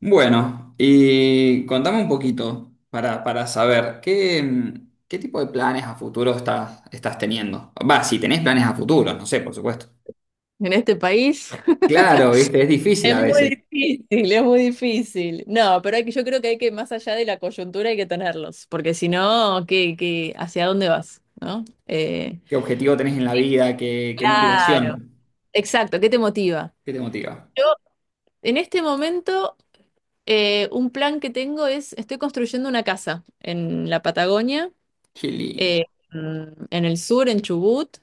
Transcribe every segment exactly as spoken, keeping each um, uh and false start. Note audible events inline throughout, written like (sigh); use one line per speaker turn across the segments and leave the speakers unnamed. Bueno, y contame un poquito para, para saber qué, mm, qué tipo de planes a futuro estás, estás teniendo. Va, si tenés planes a futuro, no sé, por supuesto.
En este país. (laughs)
Claro, viste, es difícil
Es
a
muy
veces.
difícil, es muy difícil. No, pero hay que, yo creo que hay que, más allá de la coyuntura, hay que tenerlos, porque si no, ¿qué, qué- hacia dónde vas? ¿No? Eh,
¿Qué objetivo tenés en la vida? ¿Qué, qué
claro,
motivación?
exacto, ¿qué te motiva?
¿Qué te motiva?
Yo, en este momento, eh, un plan que tengo es, estoy construyendo una casa en la Patagonia,
Qué lindo.
eh, mm, en el sur, en Chubut,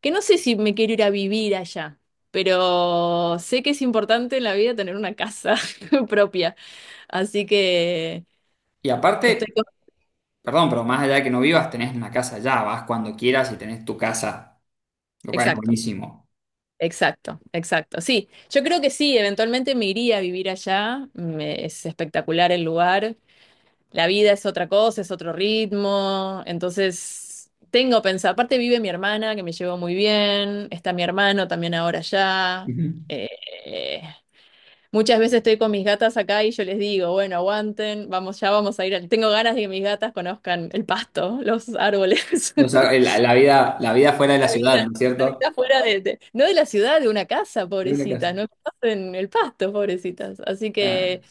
que no sé si me quiero ir a vivir allá, pero sé que es importante en la vida tener una casa (laughs) propia. Así que
Y
estoy
aparte,
con...
perdón, pero más allá de que no vivas, tenés una casa allá, vas cuando quieras y tenés tu casa, lo cual es
Exacto,
buenísimo.
exacto, exacto. Sí, yo creo que sí, eventualmente me iría a vivir allá. Me- es espectacular el lugar. La vida es otra cosa, es otro ritmo. Entonces, tengo pensado. Aparte vive mi hermana, que me llevo muy bien. Está mi hermano también ahora allá.
Ujú.
Eh, muchas veces estoy con mis gatas acá y yo les digo, bueno, aguanten, vamos, ya vamos a ir. al- Tengo ganas de que mis gatas conozcan el pasto, los árboles.
O
(laughs)
sea, la, la vida, la vida fuera de la
La
ciudad,
vida,
¿no es
la vida
cierto?
fuera de, de- no de la ciudad, de una casa,
De una casa.
pobrecita, no en el pasto, pobrecitas. Así
Ah,
que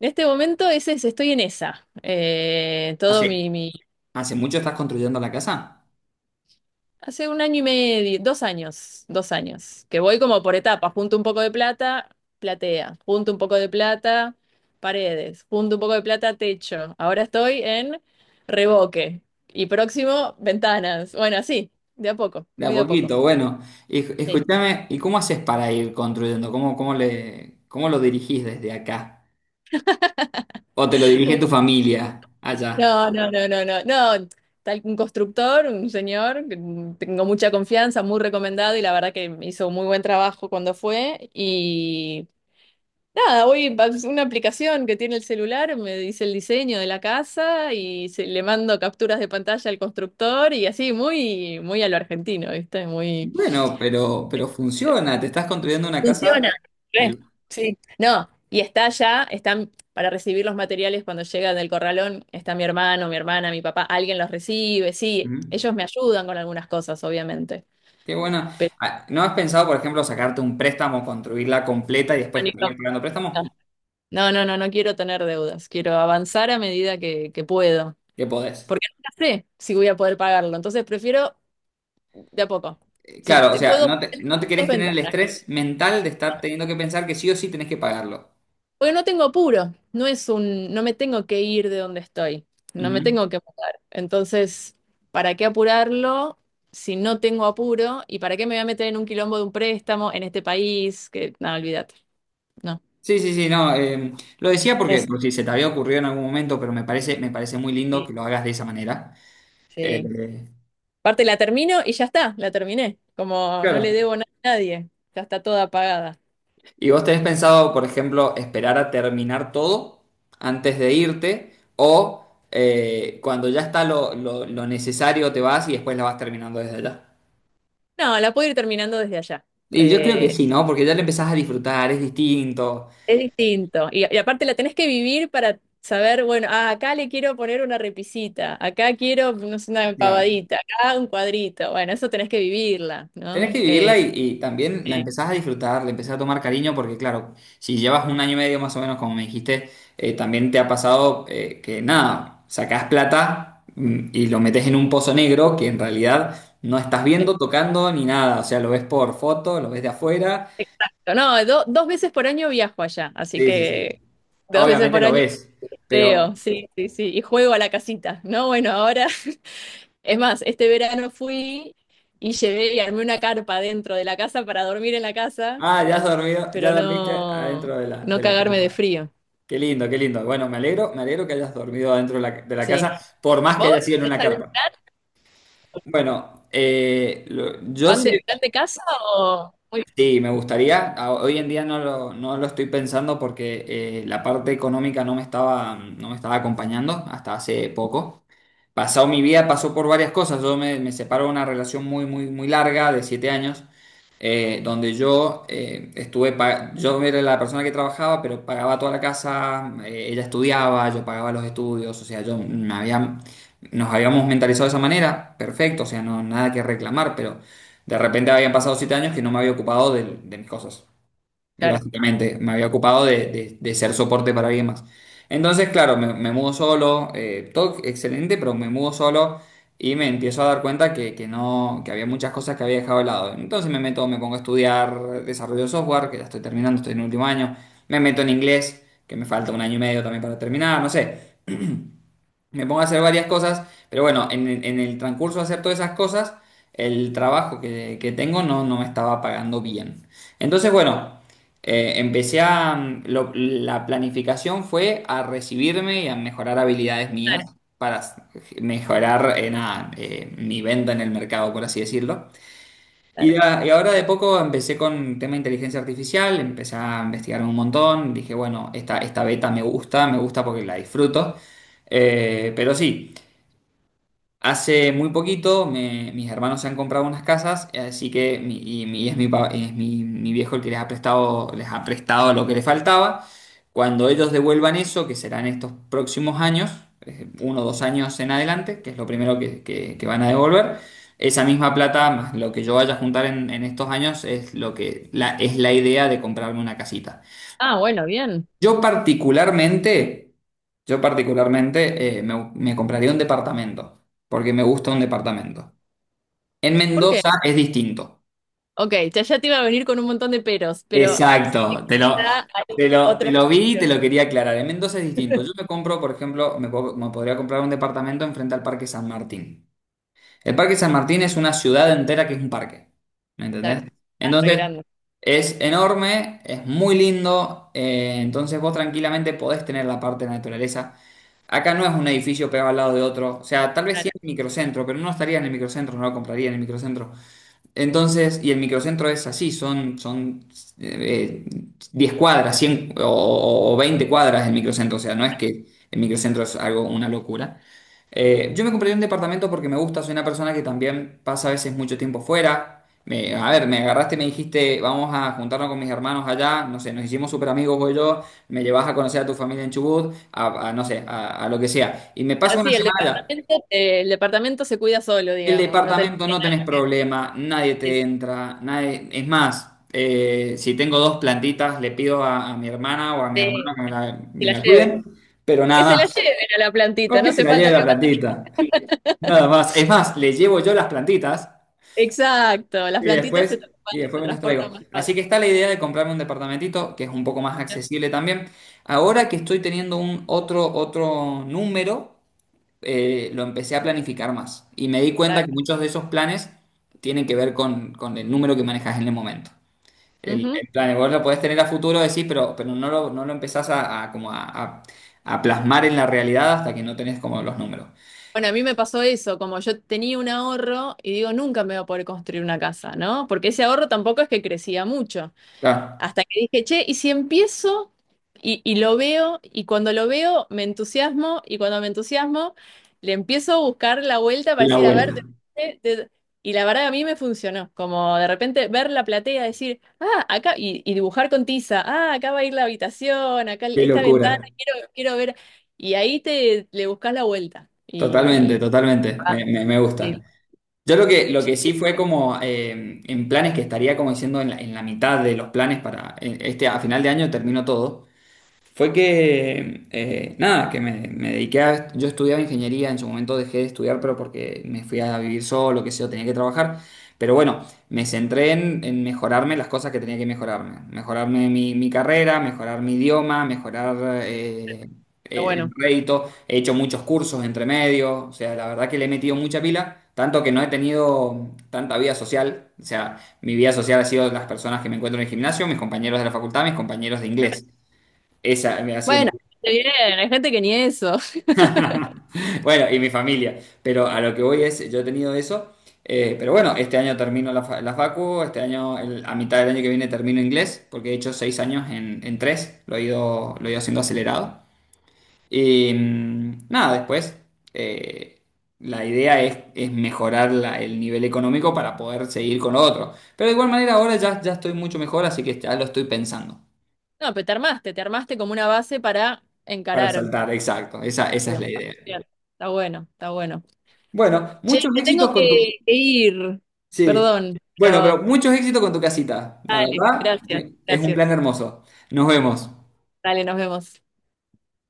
en este momento ese es- estoy en esa. Eh, todo mi,
así,
mi-
¿hace mucho estás construyendo la casa?
hace un año y medio, dos años, dos años, que voy como por etapas, junto un poco de plata, platea, junto un poco de plata, paredes, junto un poco de plata, techo. Ahora estoy en revoque y próximo, ventanas. Bueno, sí, de a poco,
De a
muy de a poco.
poquito, bueno. Y,
Sí.
escúchame, ¿y cómo haces para ir construyendo? ¿Cómo, cómo le, ¿cómo lo dirigís desde acá? ¿O te lo dirige tu familia allá?
No, no, no, no, no, no. Tal un constructor, un señor, que mm, tengo mucha confianza, muy recomendado y la verdad que me hizo muy buen trabajo cuando fue. Y nada, hoy va- es una aplicación que tiene el celular, me dice el diseño de la casa y se- le mando capturas de pantalla al constructor y así, muy, muy a lo argentino, ¿viste? Muy.
Bueno, pero, pero funciona. Te estás construyendo una casa
Funciona. Re,
del...
sí. No, y está ya, están para recibir los materiales cuando llegan del corralón, está mi hermano, mi hermana, mi papá, alguien los recibe, sí,
Ujú.
ellos me ayudan con algunas cosas, obviamente.
Qué bueno.
Pero
Ah, ¿no has pensado, por ejemplo, sacarte un préstamo, construirla completa y después ir pagando préstamo?
no, no, no no no quiero tener deudas, quiero avanzar a medida que, que puedo,
¿Qué podés?
porque nunca sé si voy a poder pagarlo, entonces prefiero de a poco.
Eh,
Sí,
Claro, o
te
sea,
puedo...
no te,
(laughs)
no te
dos
querés tener el
ventanas.
estrés mental de estar teniendo que pensar que sí o sí tenés que pagarlo.
Porque no tengo apuro, no es un, no me tengo que ir de donde estoy, no me
Ujú.
tengo que mudar. Entonces, ¿para qué apurarlo si no tengo apuro? ¿Y para qué me voy a meter en un quilombo de un préstamo en este país? Que nada, olvídate. No.
Sí, sí, sí, no, eh, lo decía porque,
Es,
por si se te había ocurrido en algún momento, pero me parece, me parece muy lindo
sí,
que lo hagas de esa manera.
sí.
Eh,
Aparte la termino y ya está, la terminé. Como no le
claro.
debo nada a nadie, ya está toda pagada.
¿Y vos tenés pensado, por ejemplo, esperar a terminar todo antes de irte o eh, cuando ya está lo, lo- lo necesario te vas y después la vas terminando desde allá?
No, la puedo ir terminando desde allá.
Y yo creo que
Eh,
sí, ¿no? Porque ya le empezás a disfrutar, es distinto.
Es distinto. Y, y aparte la tenés que vivir para saber, bueno, ah, acá le quiero poner una repisita, acá quiero, no sé, una
Claro.
empavadita, acá un cuadrito. Bueno, eso tenés que vivirla,
Tenés
¿no?
que
Eh,
vivirla y, y también la
eh,
empezás a disfrutar, le empezás a tomar cariño, porque claro, si llevas un año y medio más o menos, como me dijiste, eh, también te ha pasado eh, que nada, sacás plata mm, y lo metes en un pozo negro que en realidad no estás viendo, tocando ni nada. O sea, lo ves por foto, lo ves de afuera.
exacto. No, do- dos veces por año viajo allá, así
Sí, sí, sí.
que dos veces
Obviamente
por
lo
año
ves, pero,
veo, sí, sí, sí. Y juego a la casita, ¿no? Bueno, ahora, (laughs) es más, este verano fui y llevé y armé una carpa dentro de la casa para dormir en la casa,
ah, ya has dormido, ya
pero
dormiste
no,
adentro de la,
no
de la
cagarme de
carpa.
frío.
Qué lindo, qué lindo. Bueno, me alegro, me alegro que hayas dormido adentro de la, de la
Sí.
casa, por más que haya
¿Vos
sido en
tenés
una
algún
carpa.
plan?
Bueno, eh, lo- yo
¿Pan
sí,
de, plan de casa o...? Muy
sí, me gustaría. A- Hoy en día no lo, no lo estoy pensando porque eh, la parte económica no me estaba, no me estaba acompañando hasta hace poco pasado mi vida pasó por varias cosas. Yo me, me separo de una relación muy, muy, muy larga de siete años, eh, donde yo eh, estuve, pa- yo era la persona que trabajaba, pero pagaba toda la casa, eh, ella estudiaba, yo pagaba los estudios, o sea, yo me había, nos habíamos mentalizado de esa manera, perfecto, o sea, no, nada que reclamar, pero de repente habían pasado siete años que no me había ocupado de, de mis cosas. Eh,
claro,
Básicamente, me había ocupado de, de- de ser soporte para alguien más. Entonces, claro, me, me mudo solo, eh, todo excelente, pero me mudo solo y me empiezo a dar cuenta que, que no, que había muchas cosas que había dejado de lado. Entonces me meto, me pongo a estudiar desarrollo de software, que ya estoy terminando, estoy en el último año, me meto en inglés, que me falta un año y medio también para terminar, no sé. Me pongo a hacer varias cosas, pero bueno, en, el en el transcurso de hacer todas esas cosas, el trabajo que, que tengo no, no me estaba pagando bien. Entonces, bueno, eh, empecé a... mm, lo- la planificación fue a recibirme y a mejorar habilidades mías para s- mejorar eh, nada, eh, mi venta en el mercado, por así decirlo. Y,
claro.
a- y ahora de poco empecé con tema de inteligencia artificial, empecé a investigar un montón, dije, bueno, esta, esta beta me gusta, me gusta porque la disfruto. Eh, pero sí, hace muy poquito me- mis hermanos se han comprado unas casas, así que mi- y, mi- y es, mi, pa- es mi- mi viejo el que les ha prestado, les ha prestado lo que les faltaba. Cuando ellos devuelvan eso, que serán estos próximos años, eh, uno o dos años en adelante, que es lo primero que, que- que van a devolver, esa misma plata, más lo que yo vaya a juntar en, en estos años, es lo que la, es la idea de comprarme una casita.
Ah, bueno, bien.
Yo particularmente, yo particularmente eh, me, me compraría un departamento, porque me gusta un departamento. En
¿Por qué?
Mendoza es distinto.
Ok, ya, ya te iba a venir con un montón de peros, pero sí,
Exacto, te lo,
ya
te
hay
lo, te
otras
lo vi y te
opciones.
lo quería aclarar. En Mendoza es distinto. Yo me compro, por ejemplo, me, po- me podría comprar un departamento enfrente al Parque San Martín. El Parque San Martín es una ciudad entera que es un parque. ¿Me entendés?
Claro,
Entonces,
arreglando
es enorme, es muy lindo. eh, entonces, vos tranquilamente podés tener la parte de naturaleza. Acá no es un edificio pegado al lado de otro. O sea, tal vez sí
claro.
en el microcentro, pero no estaría en el microcentro, no lo compraría en el microcentro. Entonces, y el microcentro es así, son, son eh, eh, cuadras, cien o, o veinte cuadras el microcentro. O sea, no es que el microcentro es algo, una locura. Eh, yo me compré un departamento porque me gusta, soy una persona que también pasa a veces mucho tiempo fuera. Me- a ver, me agarraste y me dijiste, vamos a juntarnos con mis hermanos allá, no sé, nos hicimos súper amigos vos y yo, me llevas a conocer a tu familia en Chubut, a, a, no sé, a, a lo que sea. Y me
Ahora
paso una
sí, el
semana allá.
departamento, eh, el departamento se cuida solo,
El
digamos, no tenés
departamento
que
no tenés
nadie que,
problema, nadie
se
te entra, nadie... Es más, eh, si tengo dos plantitas, le pido a, a mi hermana o a mi hermano
que
que me la,
se
me
la
la
lleve.
cuiden, pero
Que
nada
se la
más,
lleven a la plantita, no
porque se
hace
la
falta
lleve
que...
la plantita. Nada más. Es más, les llevo yo las plantitas
Exacto, las
y
plantitas
después,
se, tra-
y después
se
me las traigo.
transportan más fácil.
Así que está la idea de comprarme un departamentito que es un poco más
¿No?
accesible también. Ahora que estoy teniendo un otro, otro número, eh, lo empecé a planificar más. Y me di cuenta
Claro.
que muchos de esos planes tienen que ver con, con el número que manejas en el momento. El,
Ujú.
el plan, vos lo podés tener a futuro, decís, pero, pero no lo, no lo empezás a, a como a, a- a plasmar en la realidad hasta que no tenés como los números.
Bueno, a mí me pasó eso, como yo tenía un ahorro y digo, nunca me voy a poder construir una casa, ¿no? Porque ese ahorro tampoco es que crecía mucho.
Claro,
Hasta que dije, che, ¿y si empiezo y, y lo veo? Y cuando lo veo, me entusiasmo y cuando me entusiasmo, le empiezo a buscar la vuelta para
la
decir, a ver,
vuelta.
de- de- de- y la verdad a mí me funcionó, como de repente ver la platea, decir, ah, acá, y, y dibujar con tiza, ah, acá va a ir la habitación, acá
Qué
esta ventana,
locura.
quiero, quiero ver. Y ahí te le buscas la vuelta.
Totalmente, totalmente,
Ah,
me, me- me gusta.
sí,
Yo lo que, lo que sí fue como eh, en planes que estaría como diciendo en la, en la mitad de los planes para eh, este a final de año termino todo fue que, eh, nada, que me, me dediqué a... Yo estudiaba ingeniería, en su momento dejé de estudiar, pero porque me fui a vivir solo, que sé yo, tenía que trabajar. Pero bueno, me centré en, en mejorarme las cosas que tenía que mejorarme. Mejorarme mi, mi carrera, mejorar mi idioma, mejorar eh,
pero
el
bueno,
rédito. He hecho muchos cursos entre medio, o sea, la verdad que le he metido mucha pila. Tanto que no he tenido tanta vida social. O sea, mi vida social ha sido las personas que me encuentro en el gimnasio, mis compañeros de la facultad, mis compañeros de inglés. Esa me ha sido mi...
bueno, está bien, hay gente que ni eso.
(laughs) Bueno, y mi familia. Pero a lo que voy es, yo he tenido eso. eh, pero bueno, este año termino la, fa- la facu, este año, el- a mitad del año que viene termino inglés, porque he hecho seis años en, en tres, lo he ido, lo he ido haciendo acelerado. Y mm, nada, después eh, la idea es, es mejorar la- el nivel económico para poder seguir con lo otro. Pero de igual manera ahora ya, ya estoy mucho mejor, así que ya lo estoy pensando.
(laughs) No, pero te armaste, te armaste como una base para
Para
encarar.
saltar, exacto, esa, esa es la idea.
Bien, está bueno, está bueno.
Bueno,
Che,
muchos
me tengo
éxitos con tu...
que, que ir.
Sí.
Perdón,
Bueno,
pero
pero muchos éxitos con tu casita. La
dale,
verdad,
gracias,
es un plan
gracias.
hermoso. Nos vemos.
Dale, nos vemos.